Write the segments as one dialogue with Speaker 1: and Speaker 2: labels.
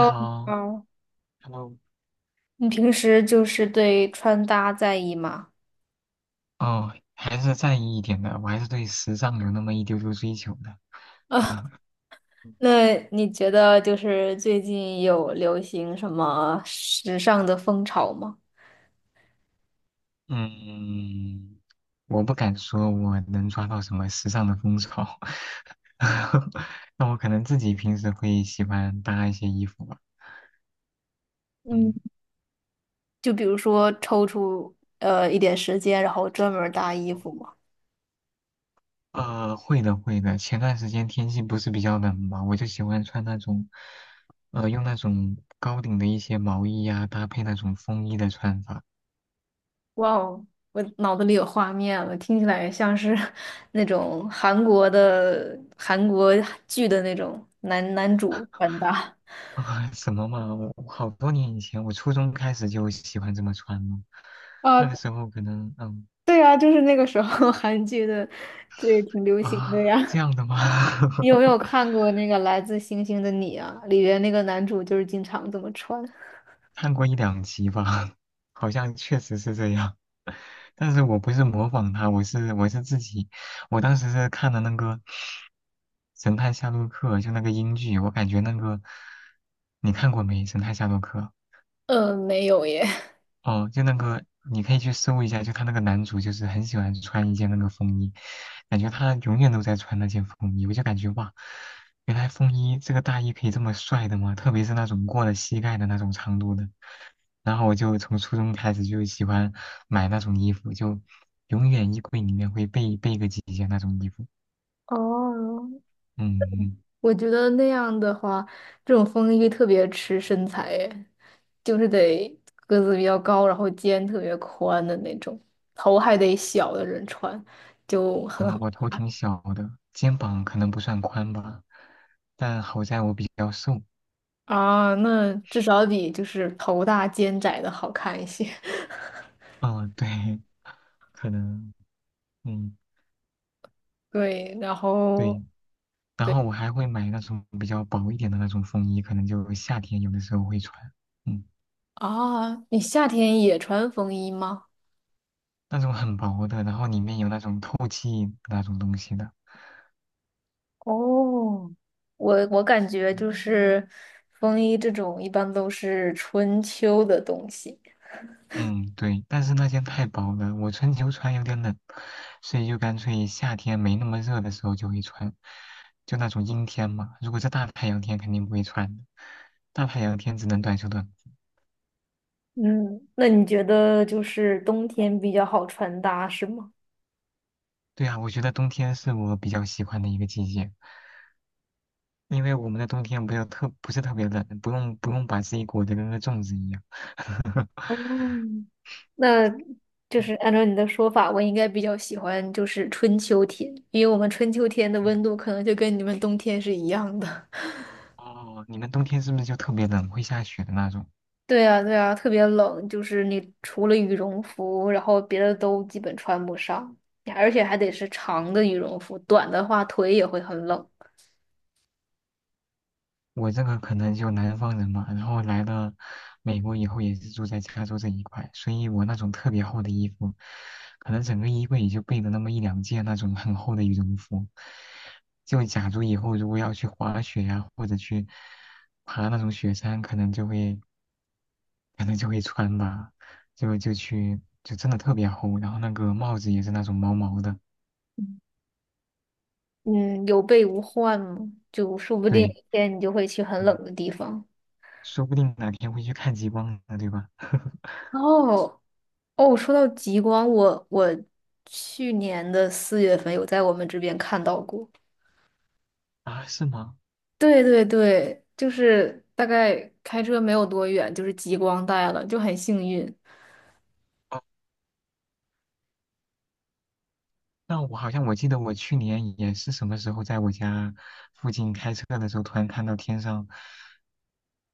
Speaker 1: 你
Speaker 2: 你
Speaker 1: 好
Speaker 2: 好。
Speaker 1: ，Hello。
Speaker 2: 你平时就是对穿搭在意吗？
Speaker 1: 哦，还是在意一点的，我还是对时尚有那么一丢丢追求的。
Speaker 2: 啊，那你觉得就是最近有流行什么时尚的风潮吗？
Speaker 1: 嗯，我不敢说我能抓到什么时尚的风潮，那我可能自己平时会喜欢搭一些衣服吧。
Speaker 2: 嗯，
Speaker 1: 嗯，
Speaker 2: 就比如说抽出一点时间，然后专门儿搭衣服吗？
Speaker 1: 会的，会的。前段时间天气不是比较冷嘛，我就喜欢穿那种，用那种高领的一些毛衣呀、搭配那种风衣的穿法。
Speaker 2: 哇哦，我脑子里有画面了，听起来像是 那种韩国剧的那种男男主穿搭。
Speaker 1: 啊，什么嘛？我好多年以前，我初中开始就喜欢这么穿了。那个
Speaker 2: 啊，
Speaker 1: 时候可能，嗯。
Speaker 2: 对啊，就是那个时候 韩剧的，这也挺流行的
Speaker 1: 啊，这
Speaker 2: 呀。
Speaker 1: 样的吗？
Speaker 2: 你有没有 看过那个《来自星星的你》啊？里边那个男主就是经常这么穿。
Speaker 1: 看过一两集吧，好像确实是这样。但是我不是模仿他，我是自己，我当时是看了那个《神探夏洛克》，就那个英剧，我感觉那个你看过没，《神探夏洛克》？
Speaker 2: 没有耶。
Speaker 1: 哦，就那个，你可以去搜一下，就他那个男主，就是很喜欢穿一件那个风衣，感觉他永远都在穿那件风衣，我就感觉哇，原来风衣这个大衣可以这么帅的吗？特别是那种过了膝盖的那种长度的。然后我就从初中开始就喜欢买那种衣服，就永远衣柜里面会备个几件那种衣服。
Speaker 2: 哦，
Speaker 1: 嗯，
Speaker 2: 我觉得那样的话，这种风衣特别吃身材耶，就是得个子比较高，然后肩特别宽的那种，头还得小的人穿，就很
Speaker 1: 啊、
Speaker 2: 好
Speaker 1: 我头挺小的，肩膀可能不算宽吧，但好在我比较瘦。
Speaker 2: 啊。那 至少比就是头大肩窄的好看一些。
Speaker 1: 嗯，对，可能。嗯，
Speaker 2: 对，然后
Speaker 1: 对。然
Speaker 2: 对
Speaker 1: 后我还会买那种比较薄一点的那种风衣，可能就夏天有的时候会穿。嗯，
Speaker 2: 啊，你夏天也穿风衣吗？
Speaker 1: 那种很薄的，然后里面有那种透气那种东西的。
Speaker 2: 哦，我感觉就是风衣这种一般都是春秋的东西。
Speaker 1: 嗯，对。但是那件太薄了，我春秋穿有点冷，所以就干脆夏天没那么热的时候就会穿，就那种阴天嘛。如果是大太阳天，肯定不会穿的。大太阳天只能短袖短裤。
Speaker 2: 嗯，那你觉得就是冬天比较好穿搭是吗？
Speaker 1: 对啊，我觉得冬天是我比较喜欢的一个季节。因为我们的冬天不要特不是特别冷，不用把自己裹得跟个粽子一样。
Speaker 2: 哦，那就是
Speaker 1: 嗯
Speaker 2: 按照你的说法，我应该比较喜欢就是春秋天，因为我们春秋天的
Speaker 1: 嗯。
Speaker 2: 温度可能就跟你们冬天是一样的。
Speaker 1: 哦，你们冬天是不是就特别冷，会下雪的那种？
Speaker 2: 对啊，对啊，特别冷，就是你除了羽绒服，然后别的都基本穿不上，而且还得是长的羽绒服，短的话腿也会很冷。
Speaker 1: 我这个可能就南方人嘛，然后来了美国以后也是住在加州这一块，所以我那种特别厚的衣服，可能整个衣柜也就备了那么一两件那种很厚的羽绒服。就假如以后如果要去滑雪呀、或者去爬那种雪山，可能就会穿吧，就就去就真的特别厚，然后那个帽子也是那种毛毛的，
Speaker 2: 嗯，有备无患嘛，就说不定有
Speaker 1: 对，
Speaker 2: 一天你就会去很
Speaker 1: 嗯。
Speaker 2: 冷的地方。
Speaker 1: 说不定哪天会去看极光呢，对吧？
Speaker 2: 哦哦，说到极光，我去年的四月份有在我们这边看到过。
Speaker 1: 啊，是吗？
Speaker 2: 对对对，就是大概开车没有多远，就是极光带了，就很幸运。
Speaker 1: 那我好像我记得我去年也是什么时候在我家附近开车的时候，突然看到天上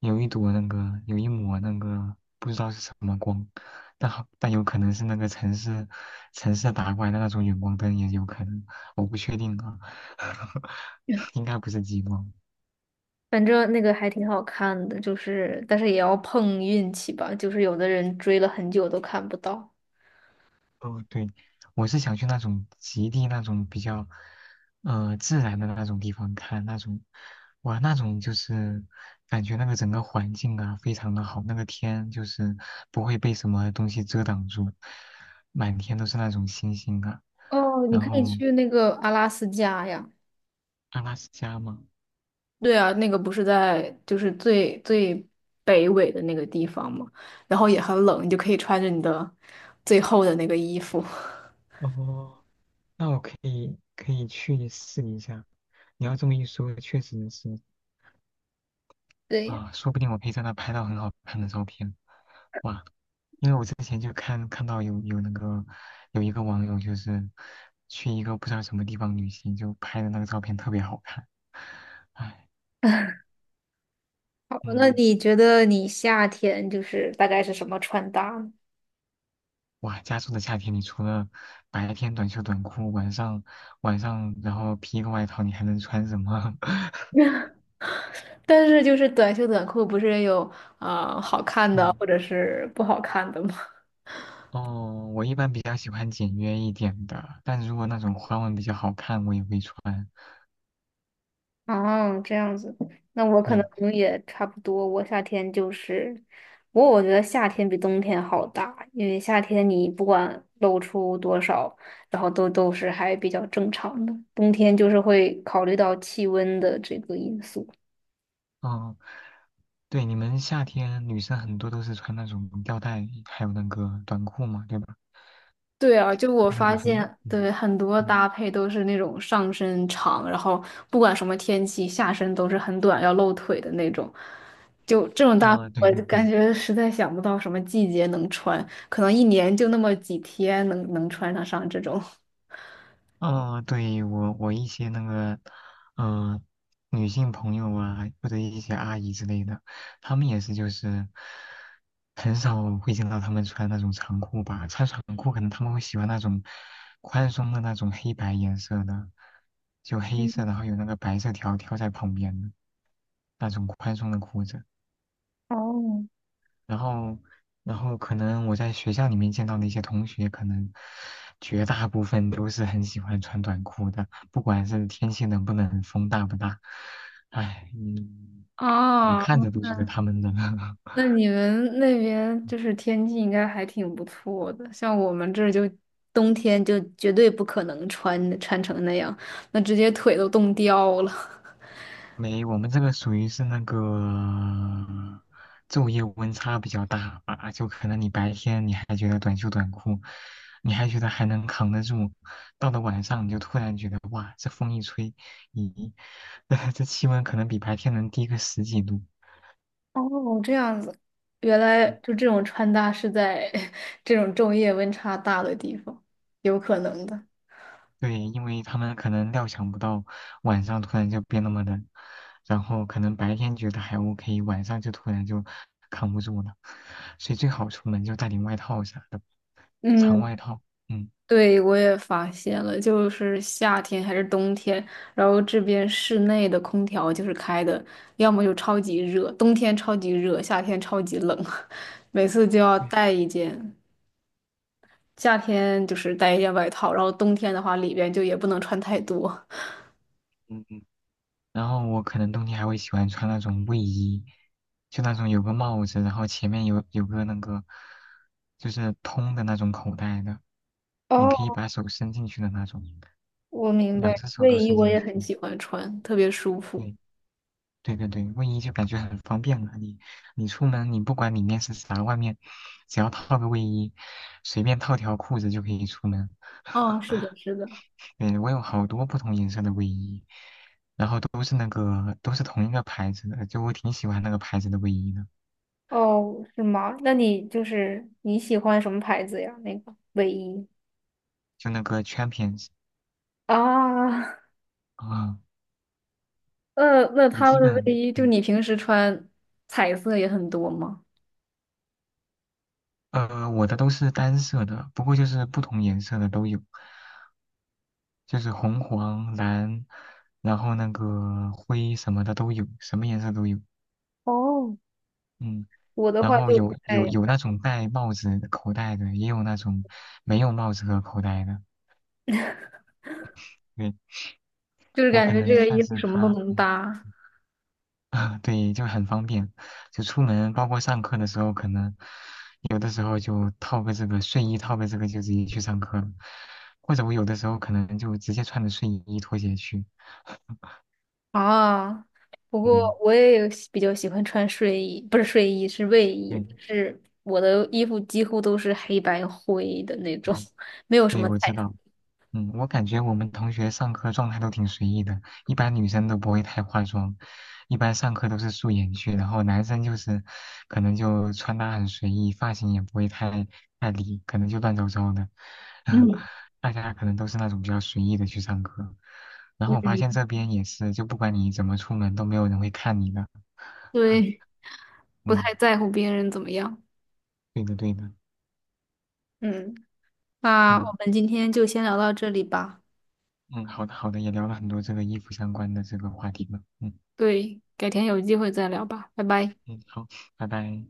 Speaker 1: 有一抹那个不知道是什么光，但有可能是那个城市打过来的那种远光灯，也有可能，我不确定啊，应该不是激光。
Speaker 2: 反正那个还挺好看的，就是但是也要碰运气吧，就是有的人追了很久都看不到。
Speaker 1: 哦，对，我是想去那种极地那种比较，自然的那种地方看那种，哇，那种就是感觉那个整个环境啊非常的好，那个天就是不会被什么东西遮挡住，满天都是那种星星啊。
Speaker 2: 哦，你
Speaker 1: 然
Speaker 2: 可以
Speaker 1: 后
Speaker 2: 去那个阿拉斯加呀。
Speaker 1: 阿拉斯加嘛，
Speaker 2: 对啊，那个不是在就是最北纬的那个地方嘛，然后也很冷，你就可以穿着你的最厚的那个衣服。
Speaker 1: 哦，那我可以去试一下。你要这么一说，确实是。
Speaker 2: 对，
Speaker 1: 啊，说不定我可以在那拍到很好看的照片。哇，因为我之前就看到有那个有一个网友就是去一个不知道什么地方旅行，就拍的那个照片特别好看。唉，
Speaker 2: 那
Speaker 1: 嗯，
Speaker 2: 你觉得你夏天就是大概是什么穿搭呢
Speaker 1: 哇，加州的夏天，你除了白天短袖短裤，晚上然后披一个外套，你还能穿什么？
Speaker 2: 但是就是短袖短裤不是也有好看的
Speaker 1: 嗯，
Speaker 2: 或者是不好看的吗？
Speaker 1: 哦，我一般比较喜欢简约一点的，但如果那种花纹比较好看，我也会穿。
Speaker 2: 哦，这样子，那我可能
Speaker 1: 对，
Speaker 2: 也差不多。我夏天就是，不过我觉得夏天比冬天好搭，因为夏天你不管露出多少，然后都是还比较正常的。冬天就是会考虑到气温的这个因素。
Speaker 1: 嗯，对，你们夏天女生很多都是穿那种吊带，还有那个短裤嘛，对吧？
Speaker 2: 对啊，就我
Speaker 1: 就那
Speaker 2: 发
Speaker 1: 种很，
Speaker 2: 现，
Speaker 1: 嗯
Speaker 2: 对，很多
Speaker 1: 嗯，
Speaker 2: 搭配都是那种上身长，然后不管什么天气，下身都是很短，要露腿的那种。就这种搭配
Speaker 1: 啊、对
Speaker 2: 我
Speaker 1: 对
Speaker 2: 就
Speaker 1: 对，
Speaker 2: 感觉实在想不到什么季节能穿，可能一年就那么几天能穿得上这种。
Speaker 1: 哦，对，我我一些那个，嗯、女性朋友啊，或者一些阿姨之类的，她们也是就是很少会见到她们穿那种长裤吧，穿长裤可能她们会喜欢那种宽松的那种黑白颜色的，就黑色，然后有那个白色条条在旁边的那种宽松的裤子。
Speaker 2: 哦，
Speaker 1: 然后，然后可能我在学校里面见到的一些同学，可能绝大部分都是很喜欢穿短裤的，不管是天气冷不冷，风大不大，唉，嗯，我
Speaker 2: 啊，
Speaker 1: 看着都觉得他们冷。
Speaker 2: 那你们那边就是天气应该还挺不错的，像我们这儿就冬天就绝对不可能穿成那样，那直接腿都冻掉了。
Speaker 1: 没，我们这个属于是那个昼夜温差比较大啊，就可能你白天你还觉得短袖短裤，你还觉得还能扛得住，到了晚上你就突然觉得哇，这风一吹，咦，这气温可能比白天能低个十几度。
Speaker 2: 哦，这样子，原来就这种穿搭是在 这种昼夜温差大的地方，有可能的。
Speaker 1: 对，因为他们可能料想不到晚上突然就变那么冷，然后可能白天觉得还 OK，晚上就突然扛不住了，所以最好出门就带点外套啥的，长
Speaker 2: 嗯，
Speaker 1: 外套。嗯，
Speaker 2: 对，我也发现了，就是夏天还是冬天，然后这边室内的空调就是开的，要么就超级热，冬天超级热，夏天超级冷，每次就要
Speaker 1: 对，
Speaker 2: 带一件，夏天就是带一件外套，然后冬天的话里边就也不能穿太多。
Speaker 1: 嗯嗯。然后我可能冬天还会喜欢穿那种卫衣，就那种有个帽子，然后前面有个那个就是通的那种口袋的，你可以
Speaker 2: 哦，
Speaker 1: 把手伸进去的那种，
Speaker 2: 我明
Speaker 1: 两
Speaker 2: 白，
Speaker 1: 只手
Speaker 2: 卫
Speaker 1: 都
Speaker 2: 衣
Speaker 1: 伸
Speaker 2: 我
Speaker 1: 进
Speaker 2: 也很
Speaker 1: 去。
Speaker 2: 喜欢穿，特别舒服。
Speaker 1: 对。对对对，卫衣就感觉很方便了。你出门，你不管里面是啥，外面只要套个卫衣，随便套条裤子就可以出门。
Speaker 2: 哦，是 的，是的。
Speaker 1: 对，我有好多不同颜色的卫衣，然后都是同一个牌子的，就我挺喜欢那个牌子的卫衣的，
Speaker 2: 哦，是吗？那你就是你喜欢什么牌子呀？那个卫衣
Speaker 1: 就那个 Champions。
Speaker 2: 啊，
Speaker 1: 啊、
Speaker 2: 那
Speaker 1: 我
Speaker 2: 他
Speaker 1: 基
Speaker 2: 们的卫
Speaker 1: 本
Speaker 2: 衣，就
Speaker 1: 嗯。
Speaker 2: 你平时穿彩色也很多吗？
Speaker 1: 我的都是单色的，不过就是不同颜色的都有，就是红黄蓝，然后那个灰什么的都有，什么颜色都有。
Speaker 2: 哦，
Speaker 1: 嗯。
Speaker 2: 我的
Speaker 1: 然
Speaker 2: 话
Speaker 1: 后
Speaker 2: 就不太
Speaker 1: 有那种戴帽子口袋的，也有那种没有帽子和口袋的。对，
Speaker 2: 就是
Speaker 1: 我
Speaker 2: 感
Speaker 1: 可
Speaker 2: 觉这
Speaker 1: 能
Speaker 2: 个
Speaker 1: 算
Speaker 2: 衣服
Speaker 1: 是
Speaker 2: 什么都
Speaker 1: 他，
Speaker 2: 能
Speaker 1: 嗯。
Speaker 2: 搭。
Speaker 1: 对，就很方便，就出门包括上课的时候，可能有的时候就套个这个睡衣，套个这个就直接去上课了，或者我有的时候可能就直接穿着睡衣拖鞋去。
Speaker 2: 啊，不
Speaker 1: 嗯，
Speaker 2: 过我也有喜比较喜欢穿睡衣，不是睡衣，是卫
Speaker 1: 对，
Speaker 2: 衣，
Speaker 1: 嗯。
Speaker 2: 是我的衣服几乎都是黑白灰的那种，
Speaker 1: 对
Speaker 2: 没有什
Speaker 1: 对
Speaker 2: 么
Speaker 1: 我
Speaker 2: 彩
Speaker 1: 知
Speaker 2: 色。
Speaker 1: 道。嗯，我感觉我们同学上课状态都挺随意的，一般女生都不会太化妆，一般上课都是素颜去，然后男生就是可能就穿搭很随意，发型也不会太理，可能就乱糟糟的，
Speaker 2: 嗯
Speaker 1: 大家可能都是那种比较随意的去上课。然后我发现
Speaker 2: 嗯，
Speaker 1: 这边也是，就不管你怎么出门，都没有人会看你的。
Speaker 2: 对。不
Speaker 1: 嗯，
Speaker 2: 太在乎别人怎么样。
Speaker 1: 对的对的，
Speaker 2: 嗯，那我
Speaker 1: 嗯
Speaker 2: 们今天就先聊到这里吧，
Speaker 1: 嗯，好的好的，也聊了很多这个衣服相关的这个话题了，嗯
Speaker 2: 对，改天有机会再聊吧，拜拜。
Speaker 1: 嗯，好，拜拜。